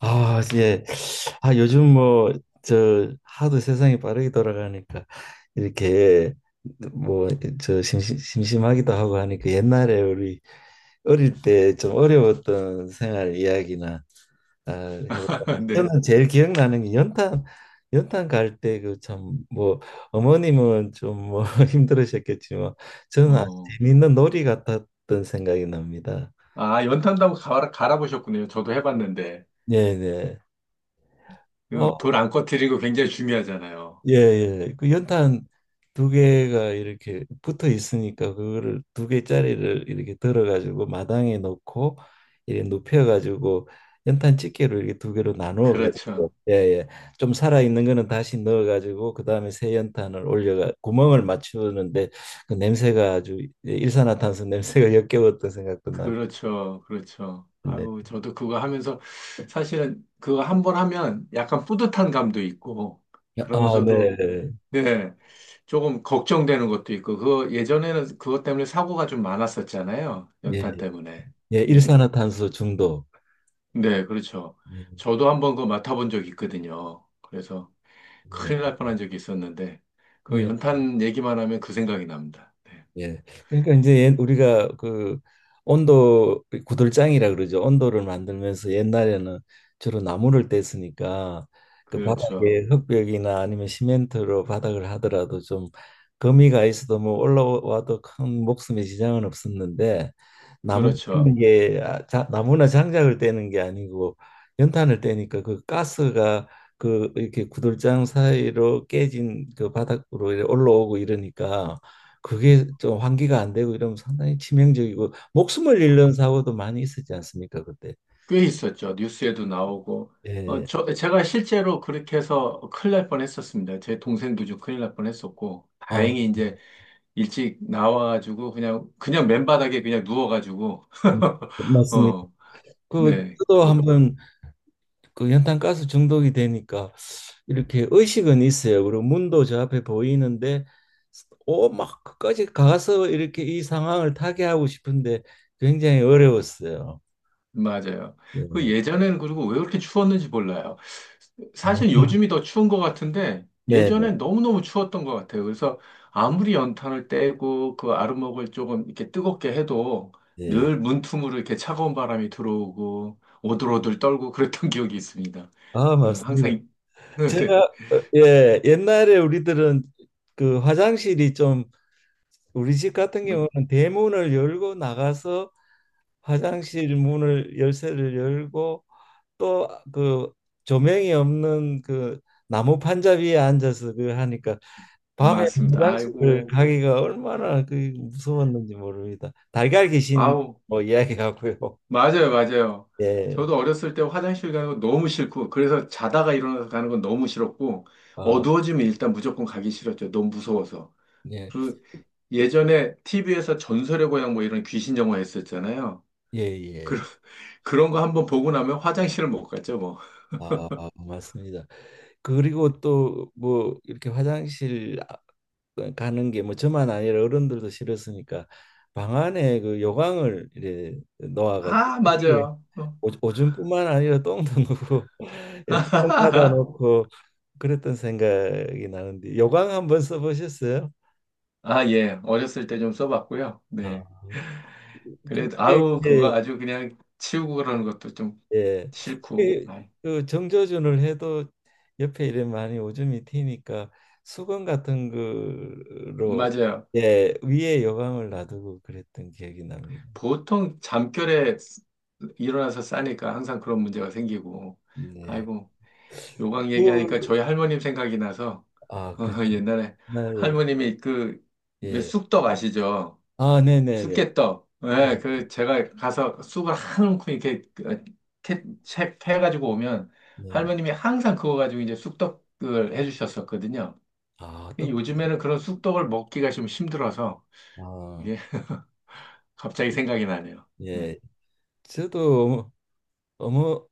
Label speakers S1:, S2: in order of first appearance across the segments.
S1: 아, 예. 아, 요즘 뭐, 저, 하도 세상이 빠르게 돌아가니까, 이렇게, 뭐, 저, 심심하기도 하고 하니까, 옛날에 우리 어릴 때 좀 어려웠던 생활 이야기나, 아, 해볼까.
S2: 네.
S1: 저는 제일 기억나는 게 연탄 갈 때 그 참, 뭐, 어머님은 좀 뭐 힘들으셨겠지만, 저는 아주
S2: 어.
S1: 재밌는 놀이 같았던 생각이 납니다.
S2: 아, 연탄도 갈아보셨군요. 저도 해봤는데.
S1: 네네. 어,
S2: 불안 꺼뜨리고 굉장히 중요하잖아요.
S1: 예, 예. 그 연탄 두 개가 이렇게 붙어 있으니까 그거를 두 개짜리를 이렇게 들어 가지고 마당에 놓고 이렇게 눕혀 가지고 연탄 집게로 이렇게 두 개로 나누어
S2: 그렇죠.
S1: 가지고 예, 예. 좀 살아 있는 거는 다시 넣어 가지고 그다음에 새 연탄을 올려가 구멍을 맞추는데 그 냄새가 아주 예, 일산화탄소 냄새가 역겨웠던 생각도 나고.
S2: 그렇죠.
S1: 네.
S2: 아유, 저도 그거 하면서 사실은 그거 한번 하면 약간 뿌듯한 감도 있고,
S1: 아,
S2: 그러면서도,
S1: 네.
S2: 네, 조금 걱정되는 것도 있고, 그 예전에는 그것 때문에 사고가 좀 많았었잖아요.
S1: 예.
S2: 연탄 때문에.
S1: 예,
S2: 네.
S1: 일산화탄소 중독.
S2: 네, 그렇죠.
S1: 네.
S2: 저도 한번 그거 맡아본 적이 있거든요. 그래서
S1: 예.
S2: 큰일 날 뻔한 적이 있었는데, 그
S1: 예.
S2: 연탄 얘기만 하면 그 생각이 납니다. 네.
S1: 예. 그러니까 이제 우리가 그 온도 구들장이라 그러죠. 온도를 만들면서 옛날에는 주로 나무를 뗐으니까 그
S2: 그렇죠.
S1: 바닥에 흙벽이나 아니면 시멘트로 바닥을 하더라도 좀 거미가 있어도 뭐 올라와도 큰 목숨에 지장은 없었는데 나무 떼는
S2: 그렇죠.
S1: 게 아, 자, 나무나 장작을 떼는 게 아니고 연탄을 떼니까 그 가스가 그 이렇게 구들장 사이로 깨진 그 바닥으로 이렇게 올라오고 이러니까 그게 좀 환기가 안 되고 이러면 상당히 치명적이고 목숨을 잃는 사고도 많이 있었지 않습니까, 그때.
S2: 꽤 있었죠. 뉴스에도 나오고. 어,
S1: 예.
S2: 저, 제가 실제로 그렇게 해서 큰일 날 뻔했었습니다. 제 동생도 좀 큰일 날 뻔했었고,
S1: 어,
S2: 다행히 이제 일찍 나와가지고 그냥 맨바닥에 그냥 누워가지고,
S1: 맞습니다.
S2: 어,
S1: 그
S2: 네,
S1: 저도 한번 그 연탄가스 중독이 되니까 이렇게 의식은 있어요. 그리고 문도 저 앞에 보이는데 오막 끝까지 가서 이렇게 이 상황을 타개하고 싶은데 굉장히 어려웠어요.
S2: 맞아요. 그
S1: 예.
S2: 예전에는 그리고 왜 그렇게 추웠는지 몰라요.
S1: 아,
S2: 사실 요즘이 더 추운 것 같은데
S1: 네. 네.
S2: 예전엔 너무너무 추웠던 것 같아요. 그래서 아무리 연탄을 떼고 그 아랫목을 조금 이렇게 뜨겁게 해도
S1: 예.
S2: 늘 문틈으로 이렇게 차가운 바람이 들어오고 오들오들 떨고 그랬던 기억이 있습니다.
S1: 아,
S2: 어,
S1: 맞습니다.
S2: 항상, 이- 네, 네.
S1: 제가 예, 옛날에 우리들은 그 화장실이 좀 우리 집 같은
S2: 뭐,
S1: 경우는 대문을 열고 나가서 화장실 문을 열쇠를 열고 또 그 조명이 없는 그 나무 판자 위에 앉아서 그 하니까 밤에
S2: 맞습니다.
S1: 화장실을
S2: 아이고,
S1: 가기가 얼마나 그 무서웠는지 모릅니다. 달걀 귀신
S2: 아우.
S1: 뭐 이야기하고요.
S2: 맞아요, 맞아요.
S1: 예.
S2: 저도 어렸을 때 화장실 가는 거 너무 싫고, 그래서 자다가 일어나서 가는 건 너무 싫었고,
S1: 어,
S2: 어두워지면 일단 무조건 가기 싫었죠. 너무 무서워서.
S1: 예.
S2: 그 예전에 TV에서 전설의 고향 뭐 이런 귀신 영화 했었잖아요.
S1: 예,
S2: 그,
S1: 예.
S2: 그런 거 한번 보고 나면 화장실을 못 갔죠, 뭐.
S1: 아, 맞습니다. 그리고 또 뭐 이렇게 화장실 가는 게 뭐 저만 아니라 어른들도 싫었으니까 방 안에 그 요강을 이렇게 놓아가지고
S2: 아,
S1: 거기에
S2: 맞아요. 어.
S1: 오줌뿐만 아니라 똥도 넣고 이렇게 똥 사다 놓고 그랬던 생각이 나는데, 요강 한번 써보셨어요?
S2: 아, 예. 어렸을 때 좀 써봤고요. 네.
S1: 아, 그게
S2: 그래도, 아우,
S1: 이제
S2: 그거 아주 그냥 치우고 그러는 것도 좀
S1: 예.
S2: 싫고.
S1: 그,
S2: 아이,
S1: 그 정조준을 해도 옆에 이래 많이 오줌이 튀니까 수건 같은 거로
S2: 맞아요.
S1: 예, 위에 여광을 놔두고 그랬던 기억이 납니다.
S2: 보통 잠결에 일어나서 싸니까 항상 그런 문제가 생기고,
S1: 네.
S2: 아이고, 요강 얘기하니까
S1: 그,
S2: 저희 할머님 생각이 나서,
S1: 아, 그렇죠.
S2: 어, 옛날에
S1: 네,
S2: 할머님이 그, 왜
S1: 예.
S2: 쑥떡 아시죠?
S1: 아, 네네네.
S2: 쑥개떡.
S1: 예,
S2: 예, 그, 제가 가서 쑥을 한 움큼 이렇게 그, 가지고 오면
S1: 네.
S2: 할머님이 항상 그거 가지고 이제 쑥떡을 해주셨었거든요.
S1: 아,
S2: 근데
S1: 떡.
S2: 요즘에는 그런 쑥떡을 먹기가 좀 힘들어서
S1: 아,
S2: 이게 갑자기 생각이 나네요. 네.
S1: 예. 저도 어머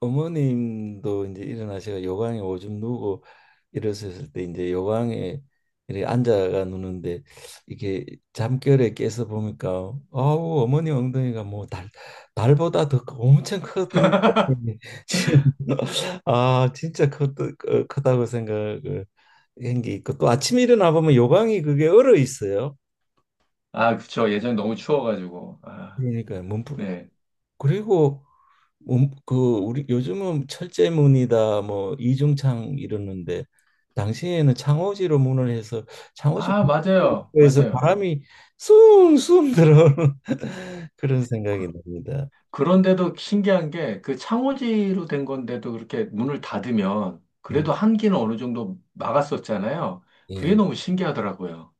S1: 어머님도 이제 일어나셔가 요강에 오줌 누고 일어섰을 때 이제 요강에 이렇게 앉아가 누는데 이게 잠결에 깨서 보니까, 아우, 어머니 엉덩이가 뭐 달 달보다 더 엄청 큰 엉덩이. 지금 아 진짜 크다고 생각을 한 게 있고, 또 아침에 일어나 보면 요강이 그게 얼어 있어요.
S2: 아, 그쵸. 예전에 너무 추워가지고. 아,
S1: 그러니까 문풍.
S2: 네.
S1: 그리고 그 우리 요즘은 철제문이다 뭐 이중창 이러는데 당시에는 창호지로 문을 해서 창호지
S2: 아, 맞아요.
S1: 에서
S2: 맞아요.
S1: 바람이 숭숭 들어오는 그런
S2: 그,
S1: 생각이 납니다.
S2: 그런데도 신기한 게 그 창호지로 된 건데도 그렇게 문을 닫으면
S1: 음,
S2: 그래도 한기는 어느 정도 막았었잖아요. 그게
S1: 예.
S2: 너무 신기하더라고요.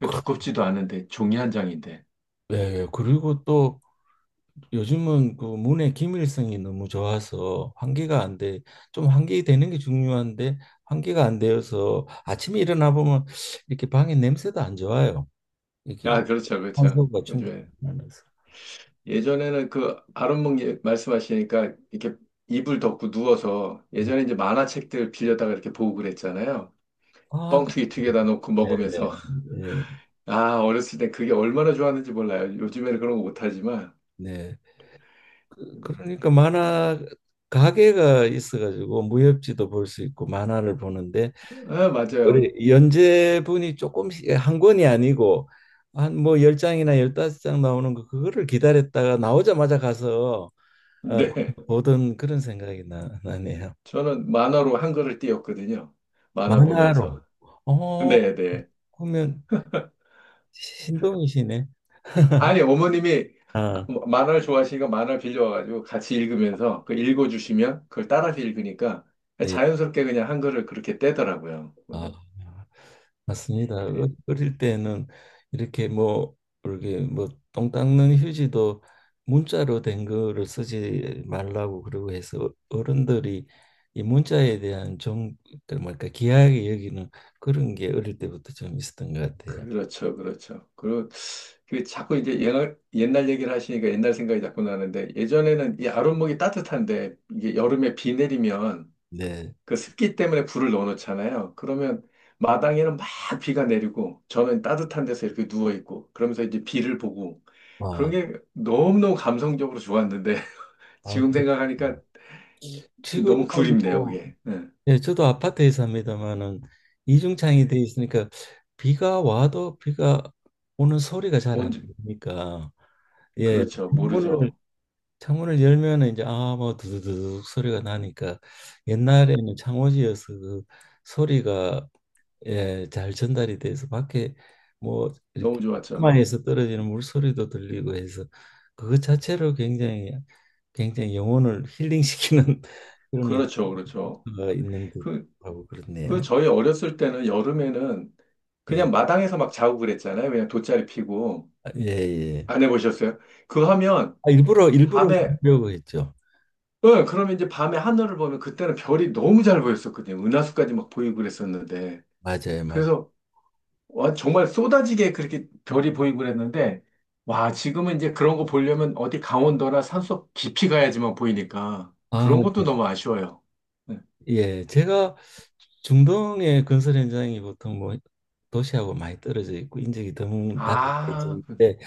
S2: 그
S1: 그-
S2: 두껍지도 않은데 종이 한 장인데.
S1: 예, 그리고 또 요즘은 그 문의 기밀성이 너무 좋아서 환기가 안 돼. 좀 환기되는 게 중요한데 환기가 안 되어서 아침에 일어나 보면 이렇게 방에 냄새도 안 좋아요. 이렇게
S2: 아, 그렇죠. 그렇죠.
S1: 환소가
S2: 요즘에.
S1: 충분하지 않아서.
S2: 예전에는 그 아랫목 예- 말씀하시니까 이렇게 이불 덮고 누워서
S1: 음.
S2: 예전에 이제 만화책들 빌려다가 이렇게 보고 그랬잖아요.
S1: 아,
S2: 뻥튀기 튀겨다 놓고
S1: 네네.
S2: 먹으면서
S1: 예,
S2: 아, 어렸을 때 그게 얼마나 좋았는지 몰라요. 요즘에는 그런 거 못하지만.
S1: 네. 그러니까 만화 가게가 있어가지고 무협지도 볼 수 있고 만화를 보는데
S2: 아, 맞아요.
S1: 우리 연재분이 조금씩 예, 한 권이 아니고 한 뭐 열장이나 열다섯 장 나오는 거, 그거를 기다렸다가 나오자마자 가서 어,
S2: 네.
S1: 보던 그런 생각이 나네요.
S2: 저는 만화로 한글을 띄웠거든요. 만화
S1: 만화로.
S2: 보면서.
S1: 어,
S2: 네, 네.
S1: 그러면 신동이시네.
S2: 아니, 어머님이
S1: 아,
S2: 만화를 좋아하시니까 만화를 빌려와가지고 같이 읽으면서 그 읽어주시면 그걸 따라서 읽으니까
S1: 예.
S2: 자연스럽게 그냥 한글을 그렇게 떼더라고요.
S1: 아,
S2: 그래서
S1: 맞습니다. 어릴 때는 이렇게 뭐 이렇게 뭐 똥 닦는 휴지도 문자로 된 거를 쓰지 말라고 그러고 해서 어른들이 이 문자에 대한 좀 뭐랄까 귀하게 여기는 그런 게 어릴 때부터 좀 있었던 것 같아요.
S2: 그렇죠, 그렇죠. 그리고 그 자꾸 이제 옛날 얘기를 하시니까 옛날 생각이 자꾸 나는데 예전에는 이 아랫목이 따뜻한데 이게 여름에 비 내리면
S1: 네.
S2: 그 습기 때문에 불을 넣어놓잖아요. 그러면 마당에는 막 비가 내리고 저는 따뜻한 데서 이렇게 누워 있고 그러면서 이제 비를 보고 그런
S1: 아,
S2: 게 너무너무 감성적으로 좋았는데 지금
S1: 그
S2: 생각하니까
S1: 지금은
S2: 너무 그립네요,
S1: 뭐
S2: 그게. 예.
S1: 예, 저도 아파트에 삽니다만은 이중창이 돼 있으니까 비가 와도 비가 오는 소리가 잘
S2: 온
S1: 안 들리니까 예.
S2: 그렇죠,
S1: 문을
S2: 모르죠.
S1: 창문을 열면은 이제 아뭐 두두두둑 소리가 나니까 옛날에는 창호지여서 그 소리가 예, 잘 전달이 돼서 밖에 뭐 이렇게
S2: 너무 좋았죠.
S1: 마에서 떨어지는 물소리도 들리고 해서 그것 자체로 굉장히 굉장히 영혼을 힐링시키는 그런
S2: 그렇죠, 그렇죠.
S1: 가 있는
S2: 그
S1: 듯하고 그렇네요.
S2: 그 저희 어렸을 때는 여름에는
S1: 예,
S2: 그냥 마당에서 막 자고 그랬잖아요. 그냥 돗자리 피고.
S1: 아, 예, 예.
S2: 안 해보셨어요? 그거 하면
S1: 아, 일부러 일부러
S2: 밤에,
S1: 보려고 했죠.
S2: 응, 그러면 이제 밤에 하늘을 보면 그때는 별이 너무 잘 보였었거든요. 은하수까지 막 보이고 그랬었는데.
S1: 맞아요, 맞아요.
S2: 그래서, 와, 정말 쏟아지게 그렇게 별이 보이고 그랬는데, 와, 지금은 이제 그런 거 보려면 어디 강원도나 산속 깊이 가야지만 보이니까
S1: 아,
S2: 그런 것도 너무 아쉬워요. 네.
S1: 예. 제가 중동의 건설 현장이 보통 뭐 도시하고 많이 떨어져 있고 인적이 드문
S2: 아, 그-
S1: 바다인데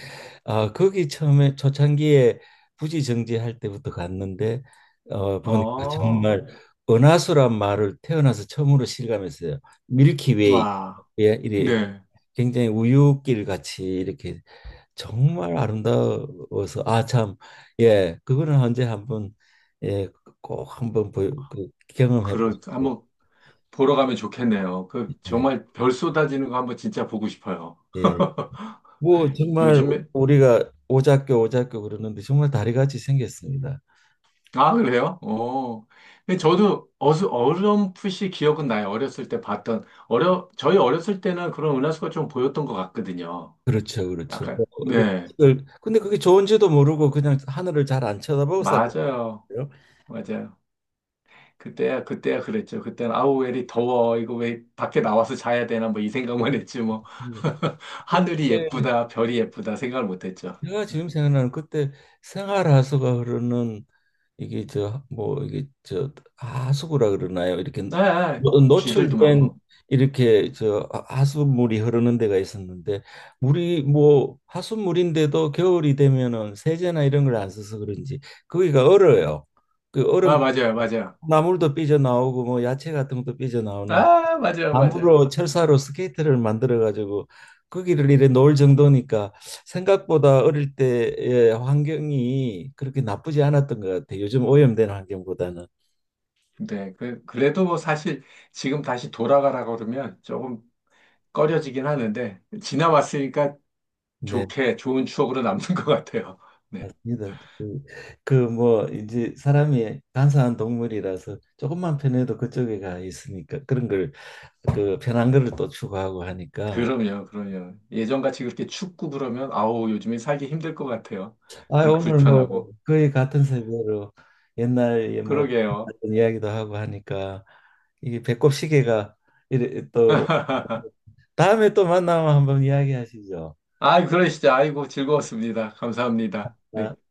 S1: 아, 거기 처음에 초창기에 부지 정지할 때부터 갔는데 보니까
S2: 어,
S1: 정말 은하수란 말을 태어나서 처음으로 실감했어요. 밀키웨이,
S2: 와,
S1: 예, 이렇게
S2: 네.
S1: 굉장히 우유길 같이 이렇게 정말 아름다워서 아 참 예 그거는 언제 한번 예꼭 한번 경험해
S2: 그렇,
S1: 보시고.
S2: 한번 보러 가면 좋겠네요. 그
S1: 예,
S2: 정말 별 쏟아지는 거 한번 진짜 보고 싶어요.
S1: 예. 뭐 정말
S2: 요즘에
S1: 우리가 오작교 오작교 그러는데 정말 다리같이 생겼습니다.
S2: 아 그래요? 어. 근데 저도 어수 어렴풋이 기억은 나요. 어렸을 때 봤던 어려 저희 어렸을 때는 그런 은하수가 좀 보였던 것 같거든요.
S1: 그렇죠, 그렇죠. 뭐,
S2: 약간
S1: 그래,
S2: 네
S1: 근데 그게 좋은지도 모르고 그냥 하늘을 잘 안 쳐다보고 살았어요.
S2: 맞아요 맞아요. 그때야 그랬죠. 그때는 아우 왜 이리 더워 이거 왜 밖에 나와서 자야 되나 뭐 이 생각만 했지 뭐
S1: 음.
S2: 하늘이
S1: 예.
S2: 예쁘다 별이 예쁘다 생각을 못했죠.
S1: 내가 지금 생각나는 그때 생활하수가 흐르는, 이게 저 뭐 이게 저 하수구라 그러나요? 이렇게
S2: 아, 아, 쥐들도
S1: 노출된,
S2: 많고.
S1: 이렇게 저 하수물이 흐르는 데가 있었는데 물이 뭐 하수물인데도 겨울이 되면은 세제나 이런 걸 안 써서 그런지 거기가 얼어요. 그
S2: 아,
S1: 얼음
S2: 맞아요.
S1: 나물도 삐져 나오고 뭐 야채 같은 것도 삐져.
S2: 아, 맞아요.
S1: 나무로
S2: 어,
S1: 철사로 스케이트를 만들어 가지고 거기를 이래 놓을 정도니까 생각보다 어릴 때의 환경이 그렇게 나쁘지 않았던 것 같아요. 요즘 오염된 환경보다는.
S2: 네, 그, 그래도 뭐 사실 지금 다시 돌아가라고 그러면 조금 꺼려지긴 하는데, 지나왔으니까
S1: 네,
S2: 좋게, 좋은 추억으로 남는 것 같아요. 네.
S1: 맞습니다. 뭐 이제 사람이 간사한 동물이라서 조금만 편해도 그쪽에 가 있으니까 그런 걸, 그 편한 거를 또 추구하고 하니까.
S2: 그럼요, 그럼요. 예전같이 그렇게 춥고 그러면, 아우, 요즘에 살기 힘들 것 같아요.
S1: 아,
S2: 그래,
S1: 오늘 뭐
S2: 불편하고.
S1: 거의 같은 세대로 옛날에 뭐
S2: 그러게요.
S1: 이야기도 하고 하니까 이게 배꼽 시계가 이래 또, 다음에 또 만나면 한번 이야기하시죠.
S2: 아, 그러시죠. 아이고, 즐거웠습니다. 감사합니다.
S1: 아,
S2: 네.